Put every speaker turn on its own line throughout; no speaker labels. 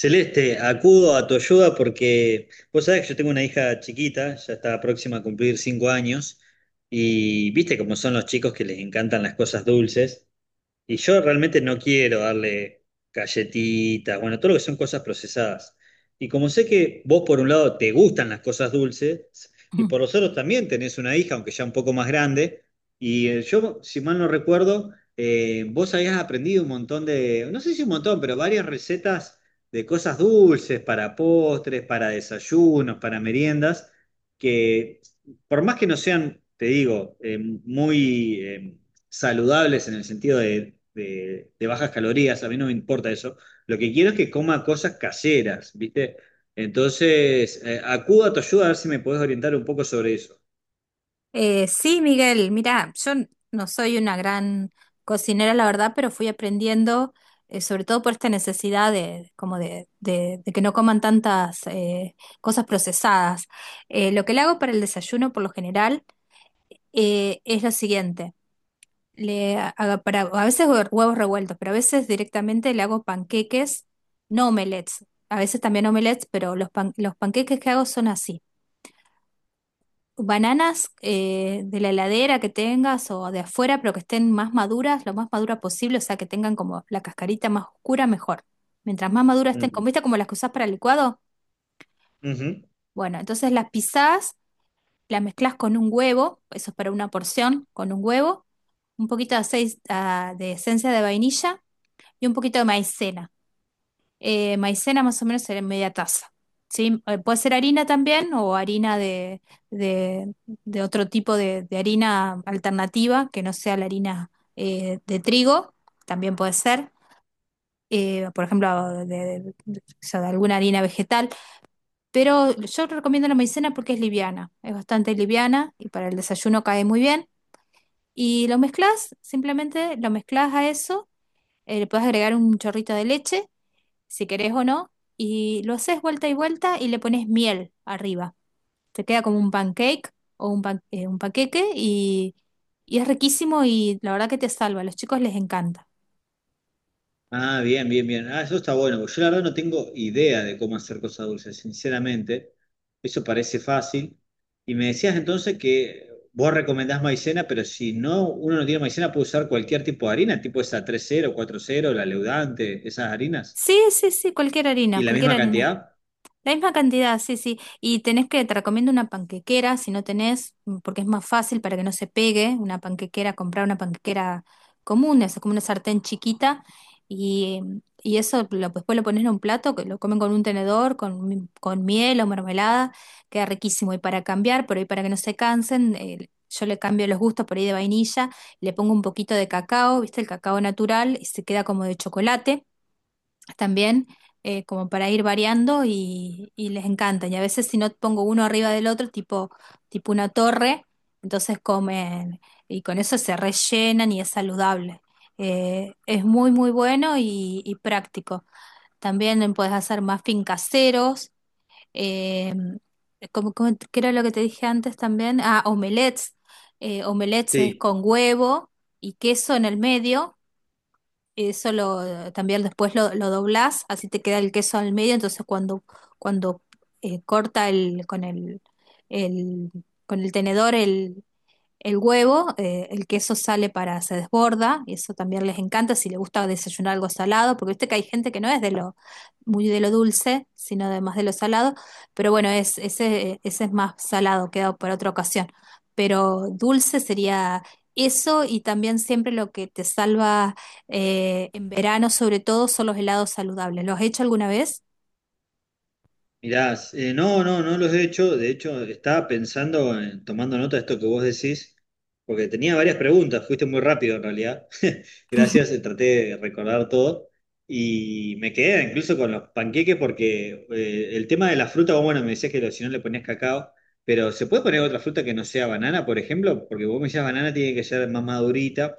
Celeste, acudo a tu ayuda porque vos sabés que yo tengo una hija chiquita, ya está próxima a cumplir 5 años, y viste cómo son los chicos que les encantan las cosas dulces. Y yo realmente no quiero darle galletitas, bueno, todo lo que son cosas procesadas. Y como sé que vos por un lado te gustan las cosas dulces y por los otros también tenés una hija, aunque ya un poco más grande, y yo, si mal no recuerdo, vos habías aprendido un montón de, no sé si un montón, pero varias recetas de cosas dulces para postres, para desayunos, para meriendas, que por más que no sean, te digo, muy saludables en el sentido de bajas calorías, a mí no me importa eso. Lo que quiero es que coma cosas caseras, ¿viste? Entonces, acudo a tu ayuda a ver si me podés orientar un poco sobre eso.
Sí, Miguel, mira, yo no soy una gran cocinera, la verdad, pero fui aprendiendo, sobre todo por esta necesidad de, como de que no coman tantas cosas procesadas. Lo que le hago para el desayuno, por lo general, es lo siguiente. Le hago a veces huevos revueltos, pero a veces directamente le hago panqueques, no omelets. A veces también omelets, pero los panqueques que hago son así. Bananas de la heladera que tengas o de afuera, pero que estén más maduras, lo más madura posible, o sea, que tengan como la cascarita más oscura, mejor. Mientras más maduras estén,
Ujú.
como viste, como las que usás para el licuado.
Ujú.
Bueno, entonces las pisás, las mezclas con un huevo, eso es para una porción, con un huevo, un poquito de aceite, de esencia de vainilla y un poquito de maicena. Maicena más o menos sería media taza. ¿Sí? Puede ser harina también o harina de- de otro tipo de harina alternativa que no sea la harina de trigo, también puede ser. Por ejemplo, o sea, de alguna harina vegetal, pero yo recomiendo la maicena porque es liviana, es bastante liviana y para el desayuno cae muy bien. Y lo mezclas, simplemente lo mezclas a eso, le puedes agregar un chorrito de leche si querés o no, y lo haces vuelta y vuelta y le pones miel arriba. Te queda como un pancake o un panqueque y es riquísimo y la verdad que te salva. A los chicos les encanta.
Ah, bien, bien, bien. Ah, eso está bueno, porque yo la verdad no tengo idea de cómo hacer cosas dulces, sinceramente. Eso parece fácil. Y me decías entonces que vos recomendás maicena, pero si no, uno no tiene maicena, puede usar cualquier tipo de harina, tipo esa tres cero cuatro cero la leudante, esas harinas.
Sí, sí, sí, cualquier
¿Y
harina,
la
cualquier
misma
harina.
cantidad?
La misma cantidad, sí, sí. Y te recomiendo una panquequera, si no tenés, porque es más fácil para que no se pegue una panquequera, comprar una panquequera común, es como una sartén chiquita, y eso después lo pones en un plato, que lo comen con un tenedor, con miel o mermelada, queda riquísimo. Y para cambiar, por ahí para que no se cansen, yo le cambio los gustos por ahí de vainilla, le pongo un poquito de cacao, viste, el cacao natural, y se queda como de chocolate también, como para ir variando y les encantan. Y a veces si no pongo uno arriba del otro, tipo, una torre, entonces comen y con eso se rellenan y es saludable. Es muy, muy bueno y práctico. También puedes hacer muffin caseros, eh, ¿qué era lo que te dije antes también? Ah, omelets. Omelets es
Sí,
con huevo y queso en el medio. Eso lo también después lo doblás, así te queda el queso al medio. Entonces cuando, cuando corta con el- con el tenedor el huevo, el queso sale, se desborda, y eso también les encanta si les gusta desayunar algo salado, porque viste que hay gente que no es muy de lo dulce, sino además de lo salado, pero bueno, ese es más salado, quedado para otra ocasión. Pero dulce sería eso, y también siempre lo que te salva en verano, sobre todo, son los helados saludables. ¿Los has hecho alguna vez?
mirá, no, no, no los he hecho. De hecho, estaba pensando, tomando nota de esto que vos decís, porque tenía varias preguntas. Fuiste muy rápido en realidad. Gracias, traté de recordar todo. Y me quedé incluso con los panqueques porque el tema de la fruta, vos, bueno, me decías que si no le ponías cacao, pero ¿se puede poner otra fruta que no sea banana, por ejemplo? Porque vos me decías banana tiene que ser más madurita.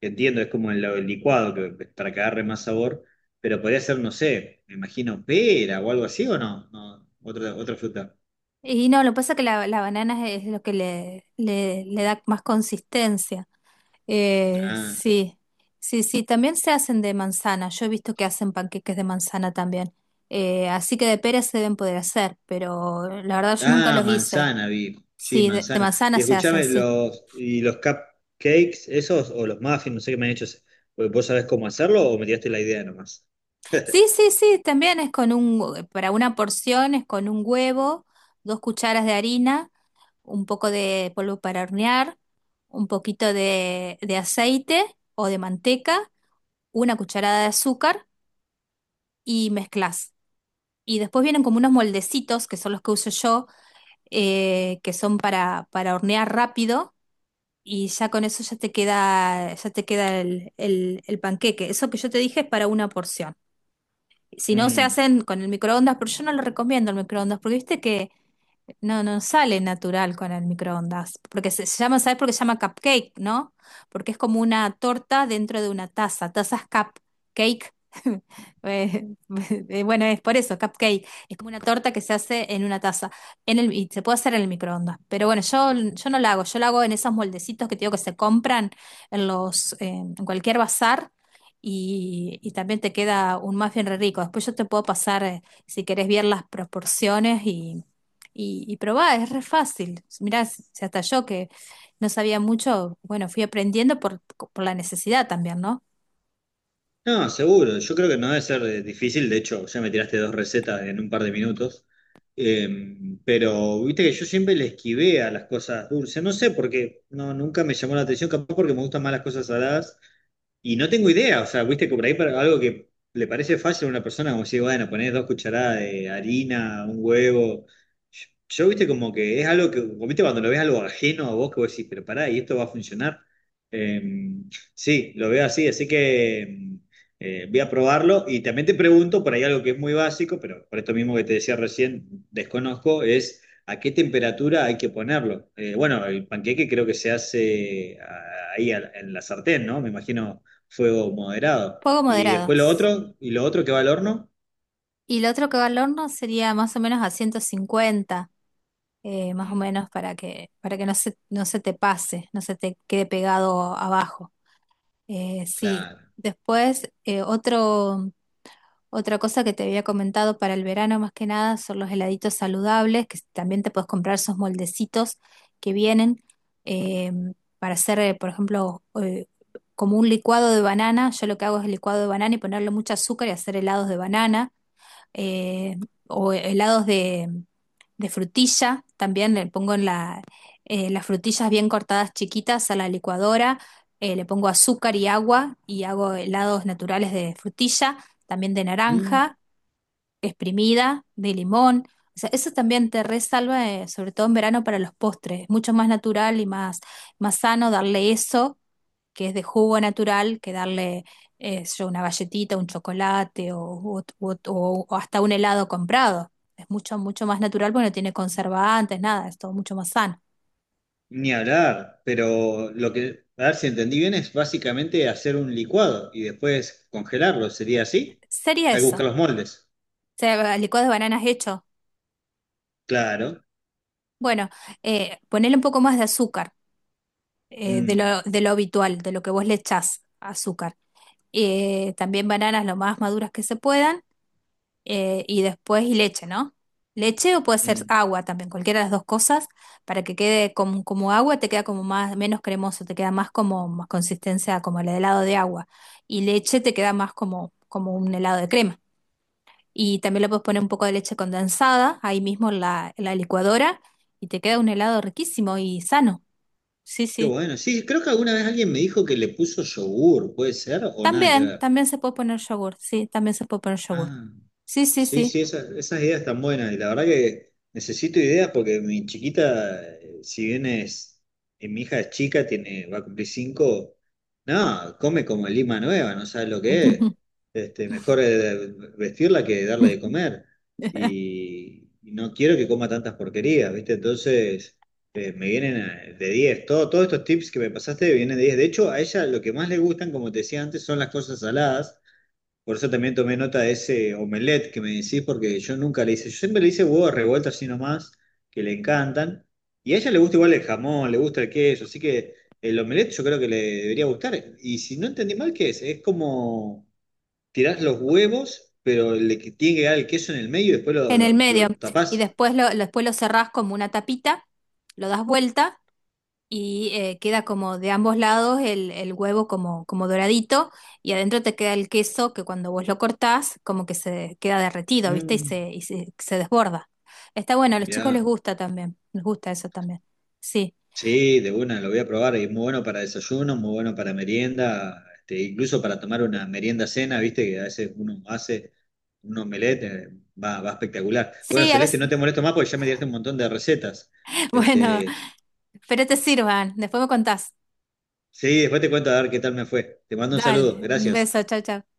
Entiendo, es como el licuado que, para que agarre más sabor. Pero podría ser, no sé, me imagino pera o algo así, ¿o no? No, otra fruta.
Y no, lo que pasa es que la banana es lo que le da más consistencia.
Ah,
Sí, sí, sí, también se hacen de manzana. Yo he visto que hacen panqueques de manzana también. Así que de pera se deben poder hacer, pero la verdad yo nunca
ah,
los hice.
manzana, vi. Sí,
Sí, de
manzana.
manzana
Y
se hacen,
escuchame,
sí.
los, y los cupcakes, esos, o los muffins, no sé qué me han hecho. ¿Vos sabés cómo hacerlo o me tiraste la idea nomás?
Sí, sí, sí, también es con para una porción es con un huevo, dos cucharas de harina, un poco de polvo para hornear, un poquito de aceite o de manteca, una cucharada de azúcar y mezclas. Y después vienen como unos moldecitos, que son los que uso yo, que son para hornear rápido, y ya con eso ya te queda el panqueque. Eso que yo te dije es para una porción. Si no, se
Mm.
hacen con el microondas, pero yo no lo recomiendo el microondas, porque viste que no sale natural con el microondas, porque se llama, ¿sabes por qué se llama cupcake, no? Porque es como una torta dentro de una taza, tazas cupcake. Eh, Bueno, es por eso, cupcake. Es como una torta que se hace en una taza. Y se puede hacer en el microondas. Pero bueno, yo no la hago. Yo la hago en esos moldecitos que te digo que se compran en en cualquier bazar. Y también te queda un muffin re rico. Después yo te puedo pasar, si querés, ver las proporciones y probá, es re fácil. Mirá, si hasta yo que no sabía mucho, bueno, fui aprendiendo por la necesidad también, ¿no?
No, seguro. Yo creo que no debe ser difícil. De hecho, ya me tiraste dos recetas en un par de minutos. Pero viste que yo siempre le esquivé a las cosas dulces. No sé por qué. No, nunca me llamó la atención. Capaz porque me gustan más las cosas saladas. Y no tengo idea, o sea, viste que por ahí para algo que le parece fácil a una persona, como si, bueno, ponés 2 cucharadas de harina, un huevo. Viste, como que es algo que, como viste, cuando lo ves algo ajeno a vos, que vos decís, pero pará, y esto va a funcionar. Eh, sí, lo veo así, así que voy a probarlo. Y también te pregunto, por ahí algo que es muy básico, pero por esto mismo que te decía recién, desconozco, es. ¿A qué temperatura hay que ponerlo? Bueno, el panqueque creo que se hace ahí en la sartén, ¿no? Me imagino fuego moderado.
Fuego
Y
moderado.
después lo otro, y lo otro que va al horno.
Y lo otro que va al horno sería más o menos a 150, más o
Mm,
menos para que, no no se te pase, no se te quede pegado abajo. Sí.
claro.
Después, otro Otra cosa que te había comentado para el verano más que nada son los heladitos saludables, que también te puedes comprar esos moldecitos que vienen, eh, para hacer, por ejemplo, como un licuado de banana. Yo lo que hago es el licuado de banana y ponerle mucho azúcar y hacer helados de banana, eh, o helados de frutilla, también le pongo en las frutillas bien cortadas chiquitas a la licuadora, le pongo azúcar y agua y hago helados naturales de frutilla, también de
Mm,
naranja, exprimida, de limón. O sea, eso también te resalva, sobre todo en verano para los postres. Es mucho más natural y más sano darle eso que es de jugo natural, que darle, yo una galletita, un chocolate o, u ot- o hasta un helado comprado. Es mucho, mucho más natural porque no tiene conservantes, nada, es todo mucho más sano.
ni hablar, pero lo que, a ver si entendí bien, es básicamente hacer un licuado y después congelarlo, ¿sería así?
Sería
Hay que
eso. O
buscar los moldes,
sea, licuado de bananas hecho.
claro.
Bueno, ponerle un poco más de azúcar, de
Mm,
lo, de lo habitual, de lo que vos le echás azúcar. También bananas lo más maduras que se puedan, y después leche, ¿no? Leche o puede ser
mm.
agua también, cualquiera de las dos cosas, para que quede como agua, te queda como más, menos cremoso, te queda más como más consistencia como el helado de agua. Y leche te queda más como un helado de crema. Y también le puedes poner un poco de leche condensada ahí mismo en la licuadora y te queda un helado riquísimo y sano. Sí,
Qué
sí.
bueno, sí, creo que alguna vez alguien me dijo que le puso yogur, ¿puede ser? O nada que
También,
ver.
también se puede poner yogur, sí, también se puede poner yogur.
Ah.
Sí, sí,
Sí,
sí.
sí, esas, esas ideas están buenas. Y la verdad que necesito ideas porque mi chiquita, si bien es, mi hija es chica, tiene, va a cumplir 5, no, come como lima nueva, no sabes lo que es. Este, mejor vestirla que darle de comer. Y no quiero que coma tantas porquerías, ¿viste? Entonces, me vienen de diez. Todos estos tips que me pasaste vienen de 10. De hecho, a ella lo que más le gustan, como te decía antes, son las cosas saladas. Por eso también tomé nota de ese omelette que me decís, porque yo nunca le hice, yo siempre le hice huevos revueltos así nomás, que le encantan. Y a ella le gusta igual el jamón, le gusta el queso, así que el omelette yo creo que le debería gustar. Y si no entendí mal, ¿qué es? Es como tirás los huevos, pero le tiene que quedar el queso en el medio y después lo,
En el
lo,
medio.
lo
Y
tapás.
después después lo cerrás como una tapita, lo das vuelta y, queda como de ambos lados el huevo como doradito y adentro te queda el queso que cuando vos lo cortás como que se queda derretido, ¿viste? Y
Mm,
se, y se, se desborda. Está bueno, a los chicos les
mirá.
gusta también, les gusta eso también. Sí,
Sí, de una, lo voy a probar. Y es muy bueno para desayuno, muy bueno para merienda, este, incluso para tomar una merienda cena, viste, que a veces uno hace un omelette, va espectacular. Bueno,
sí, a
Celeste, no te
veces,
molesto más porque ya me diste un montón de recetas.
bueno,
Este,
pero te sirvan, después me contás.
sí, después te cuento a ver qué tal me fue. Te mando un
Dale,
saludo,
un
gracias.
beso, chao, chao.